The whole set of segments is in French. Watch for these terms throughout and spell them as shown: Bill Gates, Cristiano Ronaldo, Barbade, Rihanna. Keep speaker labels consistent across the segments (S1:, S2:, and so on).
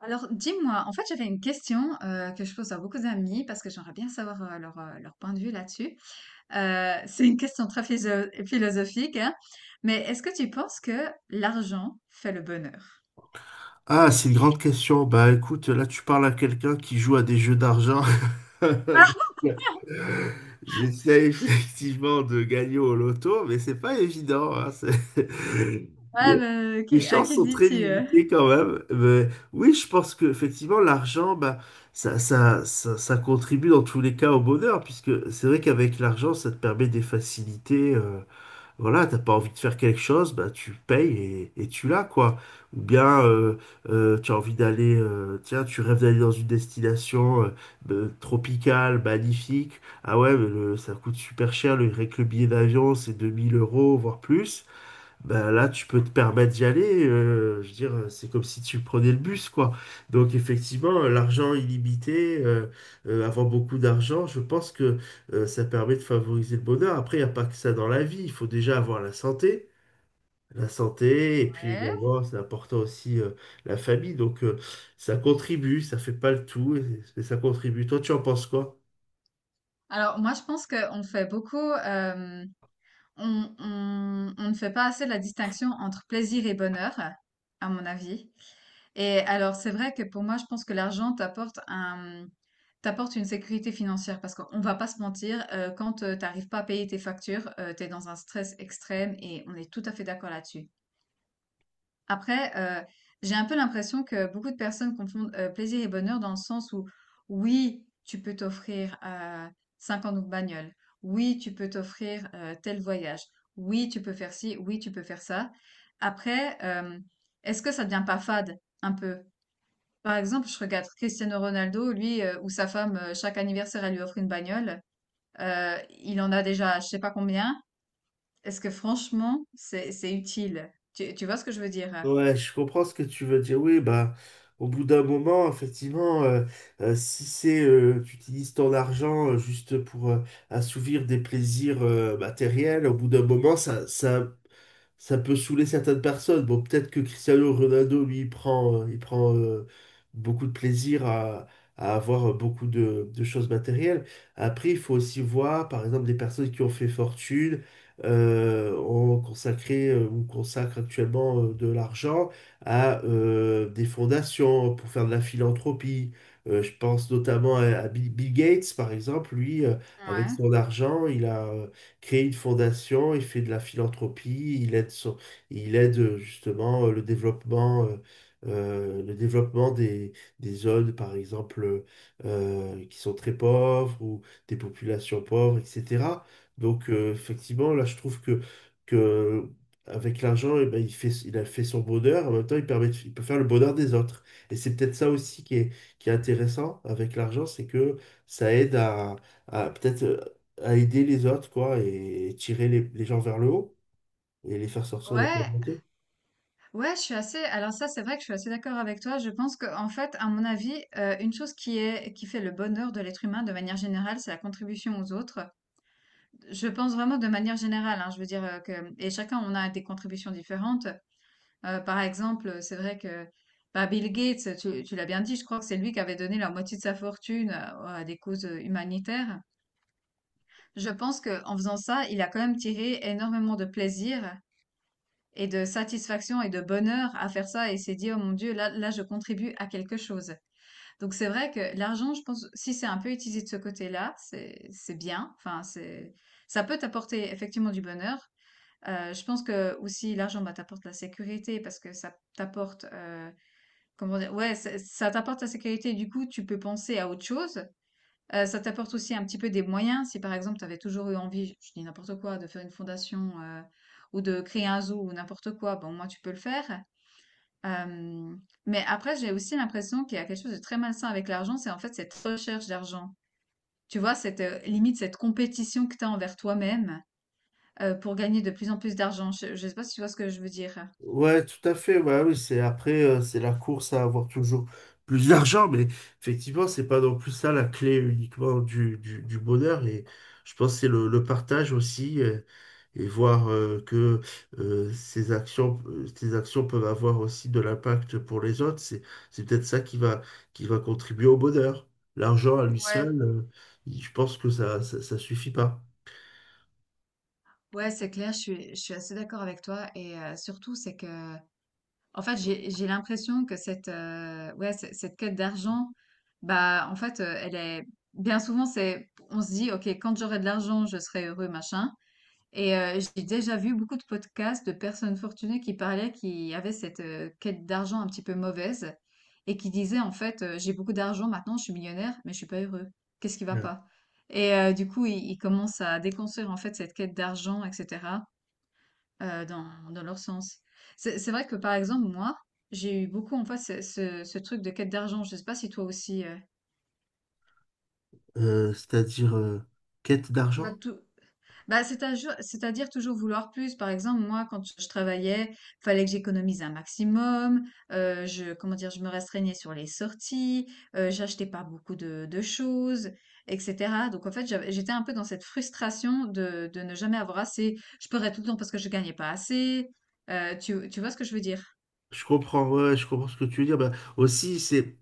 S1: Alors, dis-moi, en fait, j'avais une question que je pose à beaucoup d'amis parce que j'aimerais bien savoir leur, leur point de vue là-dessus. C'est une question très philosophique, hein, mais est-ce que tu penses que l'argent fait le bonheur?
S2: Ah, c'est une grande question. Bah écoute, là tu parles à quelqu'un qui joue à des jeux d'argent.
S1: Ah,
S2: J'essaie effectivement de gagner au loto, mais c'est pas évident. Hein,
S1: ouais, mais
S2: Les
S1: à
S2: chances
S1: qui le
S2: sont très
S1: dis-tu?
S2: limitées quand même. Mais oui, je pense que effectivement l'argent, bah, ça contribue dans tous les cas au bonheur, puisque c'est vrai qu'avec l'argent, ça te permet des facilités. Voilà, t'as pas envie de faire quelque chose, bah tu payes et tu l'as, quoi. Ou bien tu as envie d'aller, tiens, tu rêves d'aller dans une destination tropicale, magnifique. Ah ouais, mais ça coûte super cher, le, rien que le billet d'avion, c'est 2000 euros, voire plus. Bah là, tu peux te permettre d'y aller. Je veux dire, c'est comme si tu prenais le bus, quoi. Donc, effectivement, l'argent illimité, avoir beaucoup d'argent, je pense que ça permet de favoriser le bonheur. Après, il n'y a pas que ça dans la vie. Il faut déjà avoir la santé. La santé, et puis
S1: Ouais.
S2: également, c'est important aussi la famille. Donc, ça contribue, ça fait pas le tout, mais ça contribue. Toi, tu en penses quoi?
S1: Alors, moi, je pense qu'on fait beaucoup, on, on ne fait pas assez la distinction entre plaisir et bonheur, à mon avis. Et alors, c'est vrai que pour moi, je pense que l'argent t'apporte une sécurité financière parce qu'on va pas se mentir, quand t'arrives pas à payer tes factures, t'es dans un stress extrême et on est tout à fait d'accord là-dessus. Après, j'ai un peu l'impression que beaucoup de personnes confondent plaisir et bonheur dans le sens où, oui, tu peux t'offrir 50 de bagnole, oui, tu peux t'offrir tel voyage, oui, tu peux faire ci, oui, tu peux faire ça. Après, est-ce que ça devient pas fade un peu? Par exemple, je regarde Cristiano Ronaldo, lui, ou sa femme, chaque anniversaire, elle lui offre une bagnole. Il en a déjà je sais pas combien. Est-ce que franchement, c'est utile? Tu vois ce que je veux dire?
S2: Ouais, je comprends ce que tu veux dire. Oui, bah, au bout d'un moment, effectivement, si c'est tu utilises ton argent juste pour assouvir des plaisirs matériels, au bout d'un moment, ça peut saouler certaines personnes. Bon, peut-être que Cristiano Ronaldo, lui, il prend beaucoup de plaisir à avoir beaucoup de choses matérielles. Après, il faut aussi voir, par exemple, des personnes qui ont fait fortune, ont consacré ou consacrent actuellement de l'argent à des fondations pour faire de la philanthropie. Je pense notamment à Bill Gates, par exemple. Lui, avec
S1: Ouais.
S2: son argent, il a crée une fondation, il fait de la philanthropie, il aide, il aide justement le développement des zones, par exemple, qui sont très pauvres ou des populations pauvres, etc. Donc, effectivement, là, je trouve que avec l'argent, eh ben, il fait, il a fait son bonheur, en même temps, il permet, il peut faire le bonheur des autres. Et c'est peut-être ça aussi qui est intéressant avec l'argent, c'est que ça aide à peut-être à aider les autres, quoi, et tirer les gens vers le haut et les faire sortir de la
S1: Ouais,
S2: pauvreté.
S1: ouais, je suis assez. Alors ça, c'est vrai que je suis assez d'accord avec toi. Je pense que, en fait, à mon avis, une chose qui fait le bonheur de l'être humain de manière générale, c'est la contribution aux autres. Je pense vraiment de manière générale. Hein, je veux dire que et chacun, on a des contributions différentes. Par exemple, c'est vrai que bah, Bill Gates, tu l'as bien dit, je crois que c'est lui qui avait donné la moitié de sa fortune à des causes humanitaires. Je pense qu'en faisant ça, il a quand même tiré énormément de plaisir et de satisfaction et de bonheur à faire ça et s'est dit, oh mon Dieu, là, je contribue à quelque chose. Donc c'est vrai que l'argent, je pense, si c'est un peu utilisé de ce côté-là, c'est bien. Enfin, c'est, ça peut t'apporter effectivement du bonheur. Je pense que aussi l'argent bah, t'apporte la sécurité parce que ça t'apporte comment dire? Ouais, ça t'apporte la sécurité, du coup, tu peux penser à autre chose. Ça t'apporte aussi un petit peu des moyens. Si, par exemple, tu avais toujours eu envie, je dis n'importe quoi, de faire une fondation, ou de créer un zoo ou n'importe quoi, bon moi tu peux le faire. Hem, mais après, j'ai aussi l'impression qu'il y a quelque chose de très malsain avec l'argent, c'est, en fait, cette recherche d'argent. Tu vois? Cette, limite, cette compétition que tu as envers toi-même, pour gagner de plus en plus d'argent. Je ne sais pas si tu vois ce que je veux dire?
S2: Ouais, tout à fait. Bah oui, c'est après, c'est la course à avoir toujours plus d'argent, mais effectivement, c'est pas non plus ça la clé uniquement du, du bonheur. Et je pense que c'est le partage aussi, et voir que ces actions peuvent avoir aussi de l'impact pour les autres. C'est peut-être ça qui va contribuer au bonheur. L'argent à lui
S1: Ouais,
S2: seul, je pense que ça suffit pas.
S1: ouais, c'est clair, je suis assez d'accord avec toi. Et surtout, c'est que, en fait, j'ai l'impression que cette quête d'argent, bah, en fait, elle est, bien souvent, c'est, on se dit, OK, quand j'aurai de l'argent, je serai heureux, machin. Et j'ai déjà vu beaucoup de podcasts de personnes fortunées qui avaient cette, quête d'argent un petit peu mauvaise et qui disaient en fait, «J'ai beaucoup d'argent maintenant, je suis millionnaire, mais je suis pas heureux. Qu'est-ce qui va
S2: Euh,
S1: pas?» Et du coup, ils commencent à déconstruire en fait cette quête d'argent et cetera, heu, dans dans leur sens. C'est vrai que par exemple moi, j'ai eu beaucoup en fait ce truc de quête d'argent. Je sais pas si toi aussi,
S2: C'est-à-dire quête d'argent?
S1: Moi tout bah, c'est-à-dire toujours vouloir plus. Par exemple, moi, quand je travaillais, fallait que j'économise un maximum. Je Comment dire? Je me restreignais sur les sorties, j'achetais pas beaucoup de choses et cetera. Donc en fait, j'étais un peu dans cette frustration de ne jamais avoir assez. Je pleurais tout le temps parce que je gagnais pas assez. Tu vois ce que je veux dire?
S2: Je comprends, ouais, je comprends ce que tu veux dire. Bah, aussi, c'est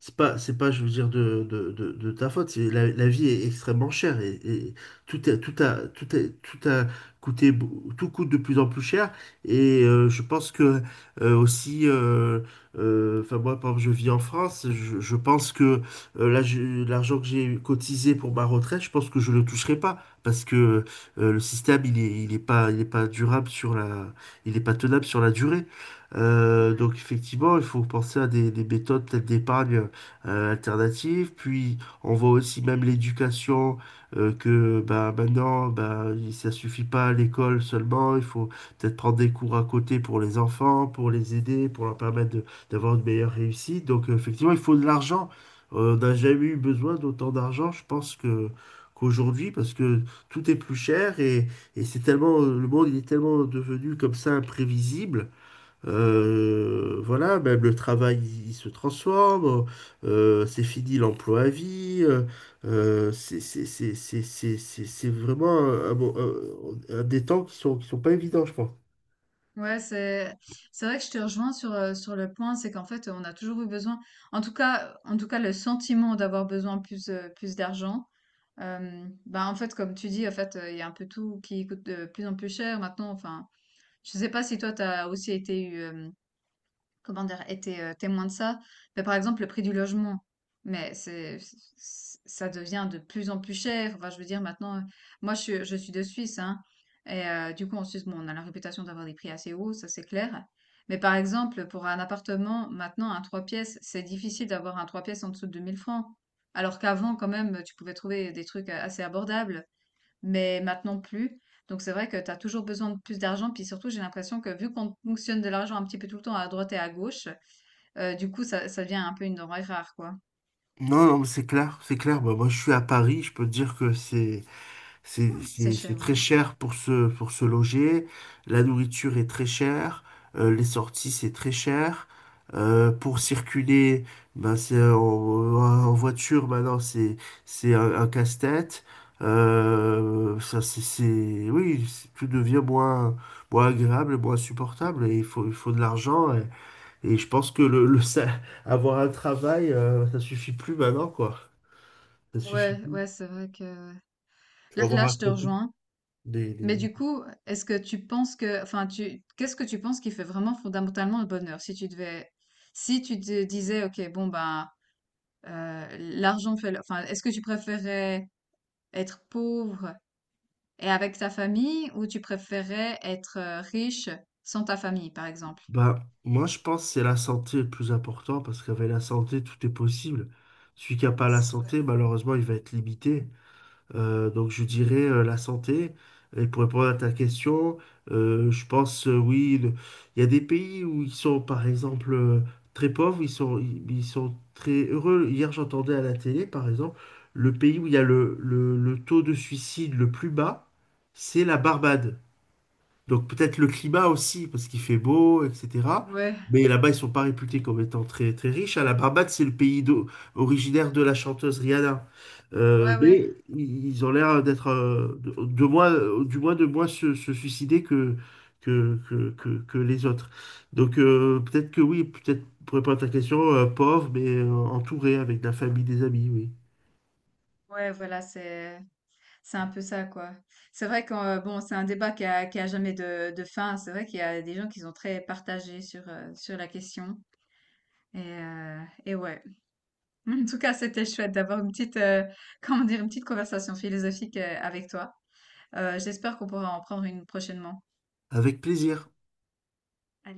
S2: c'est pas, c'est pas, je veux dire, de, de ta faute. C'est la, la vie est extrêmement chère et tout est, tout a, tout est, tout a tout coûte de plus en plus cher. Et je pense que aussi, enfin moi, par exemple, je vis en France. Je pense que là, l'argent que j'ai cotisé pour ma retraite, je pense que je le toucherai pas parce que le système, il est pas durable sur la, il est pas tenable sur la durée. Donc effectivement, il faut penser à des méthodes peut-être d'épargne alternatives. Puis on voit aussi même l'éducation que bah, maintenant, bah, ça suffit pas à l'école seulement. Il faut peut-être prendre des cours à côté pour les enfants, pour les aider, pour leur d'avoir une meilleure réussite. Donc effectivement, il faut de l'argent. On n'a jamais eu besoin d'autant d'argent, je pense que qu'aujourd'hui, parce que tout est plus cher et c'est tellement, le monde il est tellement devenu comme ça imprévisible, voilà, même le travail, il se transforme. C'est fini l'emploi à vie. C'est vraiment un des temps qui sont pas évidents, je pense.
S1: Ouais, c'est vrai que je te rejoins sur, sur le point, c'est qu'en fait, on a toujours eu besoin, en tout cas, le sentiment d'avoir besoin plus, plus d'argent. Bah, en fait, comme tu dis, en fait, il y a un peu tout qui coûte de plus en plus cher maintenant. Enfin, je sais pas si toi, t'as aussi été comment dire, été témoin de ça. Mais par exemple, le prix du logement, mais c'est, ça devient de plus en plus cher. Enfin, je veux dire, maintenant, je suis de Suisse, hein, et du coup, en Suisse, bon, on a la réputation d'avoir des prix assez hauts, ça c'est clair. Mais par exemple, pour un appartement, maintenant, un trois pièces, c'est difficile d'avoir un trois pièces en dessous de 2000 francs. Alors qu'avant, quand même, tu pouvais trouver des trucs assez abordables mais maintenant plus. Donc c'est vrai que tu as toujours besoin de plus d'argent. Puis surtout, j'ai l'impression que vu qu'on fonctionne de l'argent un petit peu tout le temps à droite et à gauche, ça devient un peu une denrée rare, quoi.
S2: Non, non, mais c'est clair, c'est clair. Bah, moi, je suis à Paris, je peux te dire que
S1: C'est
S2: c'est
S1: cher,
S2: très
S1: ouais.
S2: cher pour se loger. La nourriture est très chère. Les sorties, c'est très cher. Pour circuler, ben, c'est en voiture, maintenant, c'est un casse-tête. Ça, oui, tout devient moins, moins agréable, moins supportable. Et il faut de l'argent. Et je pense que le, avoir un travail, ça suffit plus maintenant, quoi. Ça suffit
S1: Ouais,
S2: plus.
S1: ouais, c'est vrai que…
S2: Faut
S1: Là,
S2: avoir
S1: là,
S2: à
S1: je te
S2: côté
S1: rejoins.
S2: des,
S1: Mais du coup, est-ce que tu penses que… Enfin, tu… qu'est-ce que tu penses qui fait vraiment fondamentalement le bonheur? Si tu devais… Si tu te disais, OK, bon, ben, Enfin, est-ce que tu préférais être pauvre et avec ta famille, ou tu préférais être riche sans ta famille, par exemple?
S2: Bah, moi, je pense que c'est la santé le plus important parce qu'avec la santé, tout est possible. Celui qui n'a pas la
S1: S-
S2: santé, malheureusement, il va être limité. Donc, je dirais la santé. Et pour répondre à ta question, je pense, oui, il y a des pays où ils sont, par exemple, très pauvres, ils sont, ils sont très heureux. Hier, j'entendais à la télé, par exemple, le pays où il y a le, le taux de suicide le plus bas, c'est la Barbade. Donc peut-être le climat aussi, parce qu'il fait beau, etc.
S1: Ouais,
S2: Mais là-bas, ils sont pas réputés comme étant très, très riches. À la Barbade, c'est originaire de la chanteuse Rihanna.
S1: ouais, ouais, ouais,
S2: Mais ils ont l'air d'être, de moins, du moins de moins se, se suicider que les autres. Donc peut-être que oui, peut-être pour répondre à ta question, pauvre, mais entouré avec la famille, des amis, oui.
S1: ouais, voilà, c'est un peu ça, quoi. C'est vrai que bon, c'est un débat qui a jamais de, de fin. C'est vrai qu'il y a des gens qui sont très partagés sur sur la question. Et euh, et ouais. En tout cas, c'était chouette d'avoir une petite comment dire une petite conversation philosophique avec toi. J'espère qu'on pourra en prendre une prochainement.
S2: Avec plaisir.
S1: Allez.